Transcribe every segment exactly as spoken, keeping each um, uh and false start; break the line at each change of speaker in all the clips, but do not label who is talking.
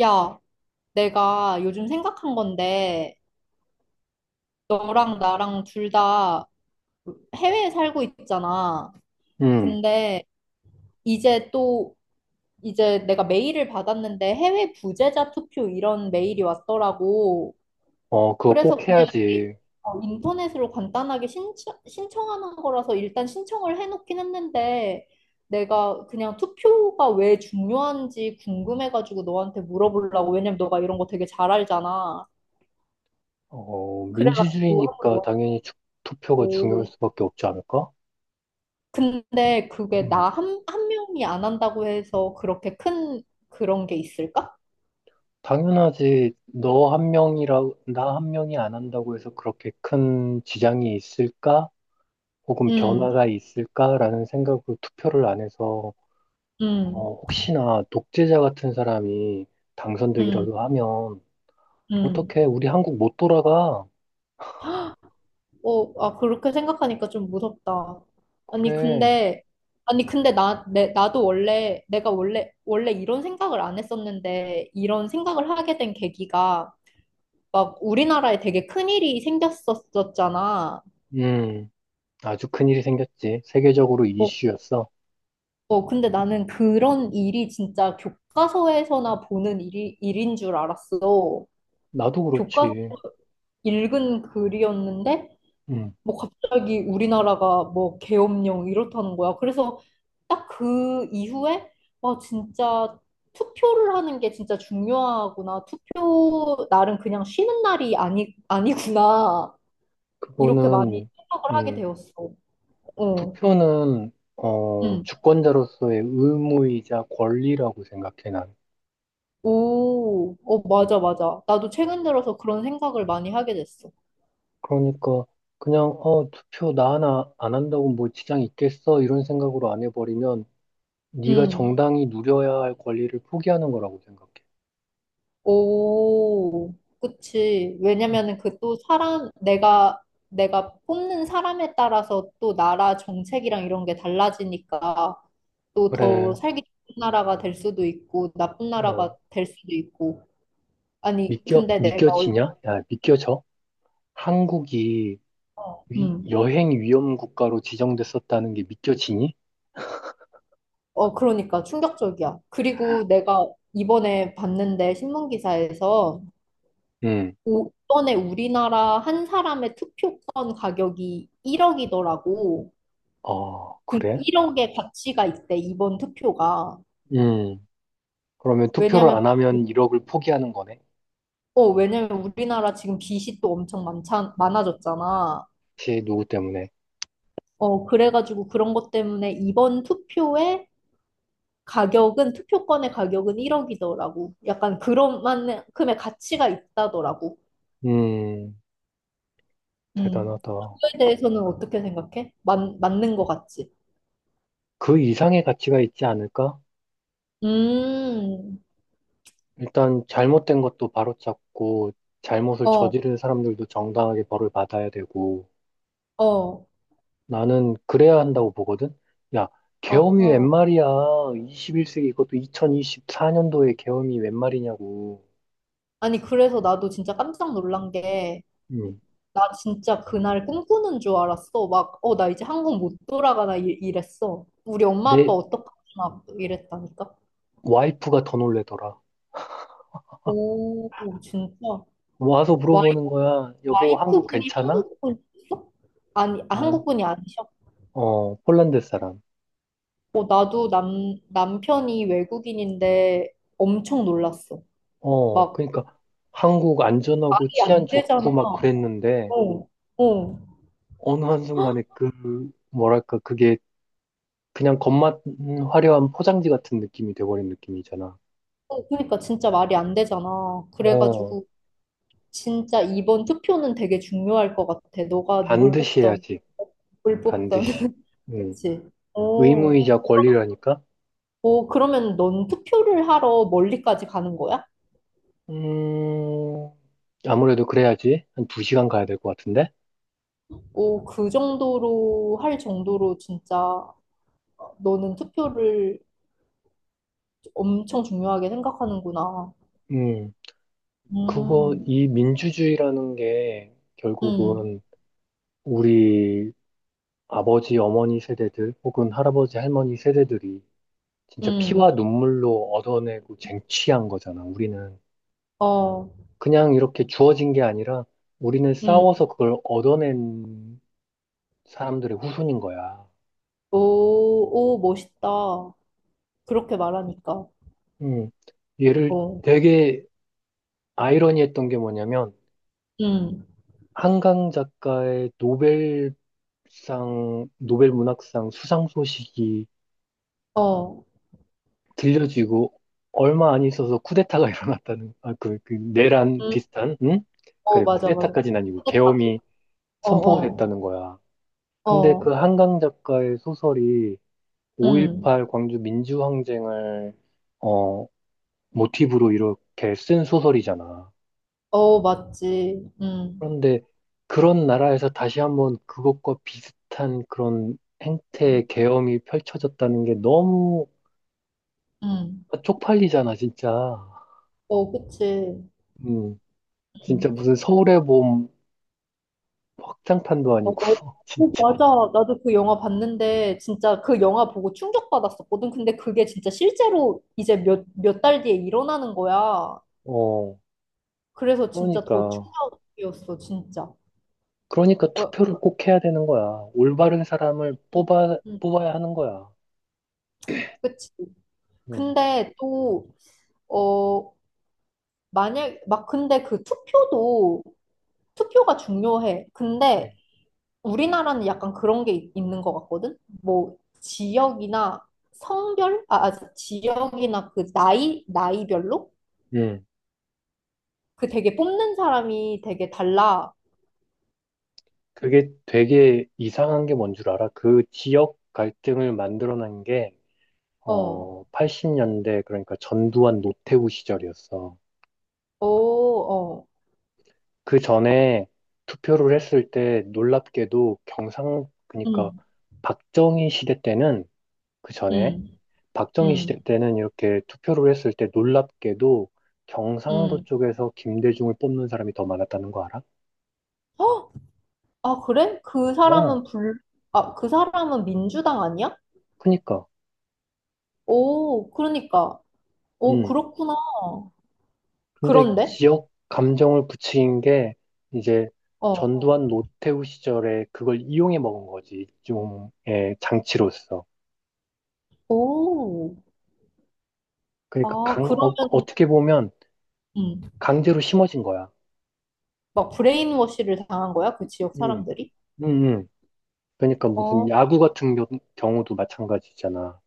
야, 내가 요즘 생각한 건데, 너랑 나랑 둘 다 해외에 살고 있잖아.
음,
근데 이제 또, 이제 내가 메일을 받았는데 해외 부재자 투표 이런 메일이 왔더라고.
어, 그거
그래서
꼭
그냥 이게,
해야지.
어, 인터넷으로 간단하게 신청, 신청하는 거라서 일단 신청을 해놓긴 했는데, 내가 그냥 투표가 왜 중요한지 궁금해가지고 너한테 물어보려고. 왜냐면 너가 이런 거 되게 잘 알잖아.
어,
그래가지고
민주주의니까
한번
당연히 주- 투표가 중요할
오.
수밖에 없지 않을까?
근데 그게 나
음,
한, 한 명이 안 한다고 해서 그렇게 큰 그런 게 있을까?
당연하지. 너 한 명이라, 나 한 명이 안 한다고 해서 그렇게 큰 지장이 있을까? 혹은
음,
변화가 있을까라는 생각으로 투표를 안 해서,
음,
어, 혹시나 독재자 같은 사람이
음,
당선되기라도 하면,
음.
어떡해, 우리 한국 못 돌아가.
어, 아, 그렇게 생각하니까 좀 무섭다. 아니,
그래.
근데, 아니, 근데 나, 내, 나도 원래, 내가 원래, 원래 이런 생각을 안 했었는데, 이런 생각을 하게 된 계기가 막 우리나라에 되게 큰일이 생겼었잖아.
음, 아주 큰일이 생겼지. 세계적으로 이슈였어.
어, 근데 나는 그런 일이 진짜 교과서에서나 보는 일이, 일인 줄 알았어.
나도
교과서
그렇지.
읽은 글이었는데,
음,
뭐 갑자기 우리나라가 뭐 계엄령 이렇다는 거야. 그래서 딱 그 이후에, 와, 진짜 투표를 하는 게 진짜 중요하구나. 투표 날은 그냥 쉬는 날이 아니, 아니구나. 이렇게 많이
그거는,
생각을 하게
음,
되었어. 어,
투표는, 어,
응.
주권자로서의 의무이자 권리라고 생각해, 난.
오, 어, 맞아, 맞아. 나도 최근 들어서 그런 생각을 많이 하게 됐어.
그러니까, 그냥, 어, 투표 나 하나 안 한다고 뭐 지장 있겠어? 이런 생각으로 안 해버리면, 네가
음,
정당히 누려야 할 권리를 포기하는 거라고 생각해.
오, 그치.
음.
왜냐면은 그 또 사람, 내가, 내가 뽑는 사람에 따라서 또 나라 정책이랑 이런 게 달라지니까 또
그래,
더 살기 좋은 나라가 될 수도 있고, 나쁜
어,
나라가 될 수도 있고. 아니,
믿겨,
근데 내가, 얼-
믿겨지냐? 야, 믿겨져? 한국이 위-
음,
여행 위험 국가로 지정됐었다는 게 믿겨지니?
어, 그러니까 충격적이야. 그리고 내가 이번에 봤는데 신문 기사에서
응.
오- 이번에 우리나라 한 사람의 투표권 가격이 일억이더라고.
어,
그러니까
그래?
일억의 가치가 있대, 이번 투표가.
음. 그러면 투표를
왜냐면,
안 하면 일억을 포기하는 거네.
어, 왜냐면 우리나라 지금 빚이 또 엄청 많자, 많아졌잖아.
혹시 누구 때문에?
어, 그래가지고 그런 것 때문에 이번 투표의 가격은, 투표권의 가격은 일억이더라고. 약간 그런 만큼의 가치가 있다더라고.
음,
음.
대단하다.
그거에 대해서는 어떻게 생각해? 맞, 맞는 것 같지?
그 이상의 가치가 있지 않을까?
음,
일단 잘못된 것도 바로잡고 잘못을
어,
저지른 사람들도 정당하게 벌을 받아야 되고
어.
나는 그래야 한다고 보거든. 야,
아,
계엄이 웬 말이야. 이십일 세기 이것도 이천이십사 년도에 계엄이 웬 말이냐고.
아니, 그래서 나도 진짜 깜짝 놀란 게,
음.
나 진짜 그날 꿈꾸는 줄 알았어. 막, 어, 나 이제 한국 못 돌아가나 이, 이랬어. 우리 엄마 아빠
내
어떡하지? 막 이랬다니까.
와이프가 더 놀래더라.
오, 진짜.
와서
와이,
물어보는 거야. 여보, 한국
와이프분이
괜찮아?
한국분이셨어? 아니, 아,
아,
한국분이 아니셔?
어, 폴란드 사람.
어, 나도 남, 남편이 외국인인데 엄청 놀랐어.
어,
막,
그러니까 한국 안전하고
말이
치안
안 되잖아.
좋고 막 그랬는데
어, 어.
어느 한순간에 그 뭐랄까 그게 그냥 겉만 화려한 포장지 같은 느낌이 돼버린 느낌이잖아.
어, 그러니까 진짜 말이 안 되잖아.
어,
그래가지고. 진짜 이번 투표는 되게 중요할 것 같아. 너가 누굴
반드시
뽑던,
해야지.
누굴 뽑던.
반드시. 음,
그치? 오,
의무이자 권리라니까.
오, 그러면 넌 투표를 하러 멀리까지 가는 거야?
음, 아무래도 그래야지. 한 두 시간 가야 될 것 같은데.
오, 그 정도로 할 정도로 진짜 너는 투표를 엄청 중요하게 생각하는구나.
음, 그거
음,
이 민주주의라는 게
음,
결국은 우리 아버지, 어머니 세대들 혹은 할아버지, 할머니 세대들이 진짜
음,
피와 눈물로 얻어내고 쟁취한 거잖아. 우리는
어,
그냥 이렇게 주어진 게 아니라 우리는
음.
싸워서 그걸 얻어낸 사람들의 후손인 거야.
오, 오, 멋있다. 그렇게 말하니까.
음. 얘를
어,
되게 아이러니했던 게 뭐냐면
음,
한강 작가의 노벨상, 노벨 문학상 수상 소식이
어,
들려지고 얼마 안 있어서 쿠데타가 일어났다는 아, 그, 그 내란
음,
비슷한 응?
어,
그래
맞아, 맞아.
쿠데타까지는 아니고
근데 다-
계엄이
어,
선포가
어.
됐다는 거야. 근데 그
어,
한강 작가의 소설이
응.
오일팔 광주 민주항쟁을 어, 모티브로 이렇게 쓴 소설이잖아.
어, 맞지. 응,
그런데 그런 나라에서 다시 한번 그것과 비슷한 그런 행태의 계엄이 펼쳐졌다는 게 너무
응.
쪽팔리잖아, 진짜.
어, 그치.
음, 진짜
응.
무슨 서울의 봄 확장판도
어,
아니고,
어, 어,
진짜.
맞아. 나도 그 영화 봤는데, 진짜 그 영화 보고 충격받았었거든. 근데 그게 진짜 실제로 이제 몇, 몇 달 뒤에 일어나는 거야.
어,
그래서 진짜 더
그러니까.
충격이었어, 진짜.
그러니까
어,
투표를 꼭 해야 되는 거야. 올바른 사람을
응,
뽑아,
응,
뽑아야 하는 거야.
그치.
응.
근데 또, 어, 만약, 막 근데 그 투표도, 투표가 중요해.
예.
근데 우리나라는 약간 그런 게 있- 있는 것 같거든? 뭐, 지역이나 성별? 아, 아, 지역이나 그 나이, 나이별로?
예.
그 되게 뽑는 사람이 되게 달라.
그게 되게 이상한 게 뭔 줄 알아? 그 지역 갈등을 만들어낸 게,
어,
어, 팔십 년대, 그러니까 전두환 노태우 시절이었어.
오, 어,
그 전에 투표를 했을 때 놀랍게도 경상, 그러니까
음,
박정희 시대 때는 그 전에
음,
박정희 시대
음,
때는 이렇게 투표를 했을 때 놀랍게도 경상도
음.
쪽에서 김대중을 뽑는 사람이 더 많았다는 거 알아?
어? 아, 그래? 그 사람은
어,
불, 아, 그 사람은 민주당 아니야?
그니까.
오, 그러니까. 오,
음.
그렇구나.
근데
그런데?
지역 감정을 부추긴 게 이제
어,
전두환 노태우 시절에 그걸 이용해 먹은 거지. 일종의 장치로서.
오.
그러니까
아,
강, 어,
그러면,
어떻게 보면
음.
강제로 심어진 거야.
막 브레인워시를 당한 거야? 그 지역
음.
사람들이?
음. 음. 그러니까 무슨
어,
야구 같은 겨- 경우도 마찬가지잖아.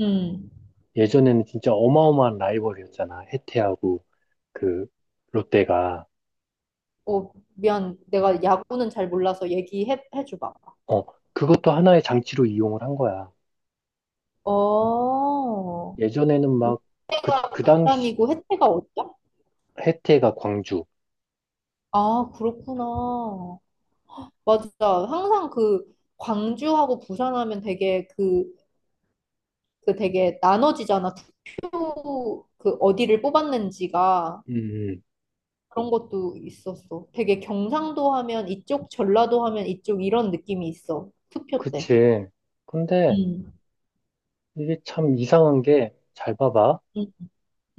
음.
예전에는 진짜 어마어마한 라이벌이었잖아. 해태하고. 그 롯데가
어, 미안. 내가 야구는 잘 몰라서 얘기해 줘 봐.
어 그것도 하나의 장치로 이용을 한 거야.
어,
예전에는 막 그 그 당시
루프란이고 혜태가 어디야?
해태가 광주.
아, 그렇구나. 맞아. 항상 그 광주하고 부산하면 되게 그, 그 되게 나눠지잖아. 투표 그 어디를 뽑았는지가
음, 음.
그런 것도 있었어. 되게 경상도 하면 이쪽, 전라도 하면 이쪽 이런 느낌이 있어. 투표 때.
그치. 근데
음.
이게 참 이상한 게 잘 봐봐.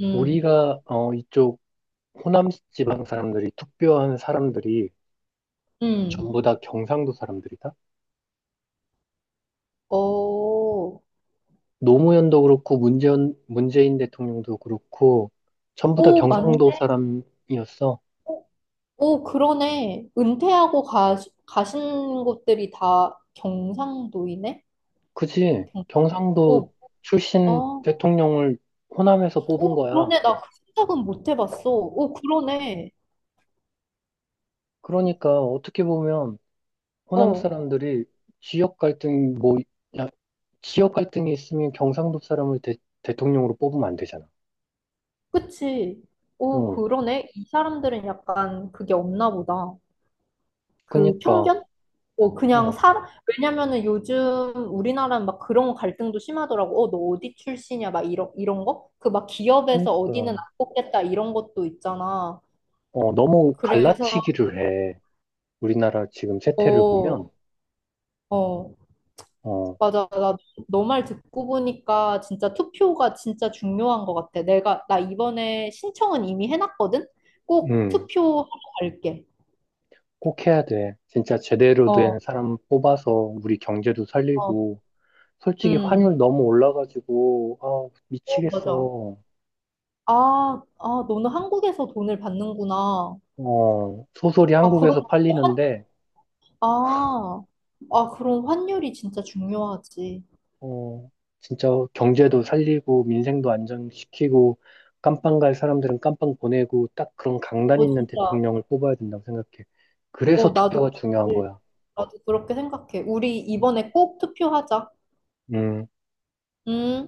음,
우리가 어 이쪽 호남 지방 사람들이 투표한 사람들이
음.
전부 다 경상도 사람들이다.
어,
노무현도 그렇고 문재인 문재인 대통령도 그렇고 전부 다
오, 맞네.
경상도 사람이었어.
오, 그러네. 은퇴하고 가, 가신 곳들이 다 경상도이네?
그지?
경상
경상도 출신
어,
대통령을 호남에서 뽑은
오,
거야.
그러네. 나 그 생각은 못 해봤어. 오, 그러네.
그러니까 어떻게 보면 호남
어,
사람들이 지역 갈등 뭐 야, 지역 갈등이 있으면 경상도 사람을 대, 대통령으로 뽑으면 안 되잖아.
그치. 오,
응.
그러네. 이 사람들은 약간 그게 없나 보다. 그
그니까
편견? 어, 그냥
어,
사람, 왜냐면은 요즘 우리나라는 막 그런 갈등도 심하더라고. 어, 너 어디 출신이야? 막 이런, 이런 거? 그 막 기업에서 어디는 안
그니까
뽑겠다 이런 것도 있잖아.
어, 너무
그래서,
갈라치기를 해. 우리나라 지금 세태를
어,
보면
어,
어,
맞아. 나 너 말 듣고 보니까 진짜 투표가 진짜 중요한 것 같아. 내가, 나 이번에 신청은 이미 해놨거든? 꼭
음,
투표하러 갈게.
꼭 해야 돼. 진짜 제대로 된
어,
사람 뽑아서 우리 경제도
어,
살리고 솔직히
음.
환율 너무 올라가지고, 아,
어, 맞아.
미치겠어.
아, 아, 너는 한국에서 돈을 받는구나.
어, 소설이
아,
한국에서
그럼
팔리는데,
아, 아, 그런 환율이 진짜 중요하지.
어, 진짜 경제도 살리고, 민생도 안정시키고, 깜빵 갈 사람들은 깜빵 보내고, 딱 그런 강단
어,
있는
진짜.
대통령을 뽑아야 된다고 생각해.
어,
그래서
나도,
투표가 중요한
그렇게-
거야.
나도 그렇게 생각해. 우리 이번에 꼭 투표하자.
음.
음.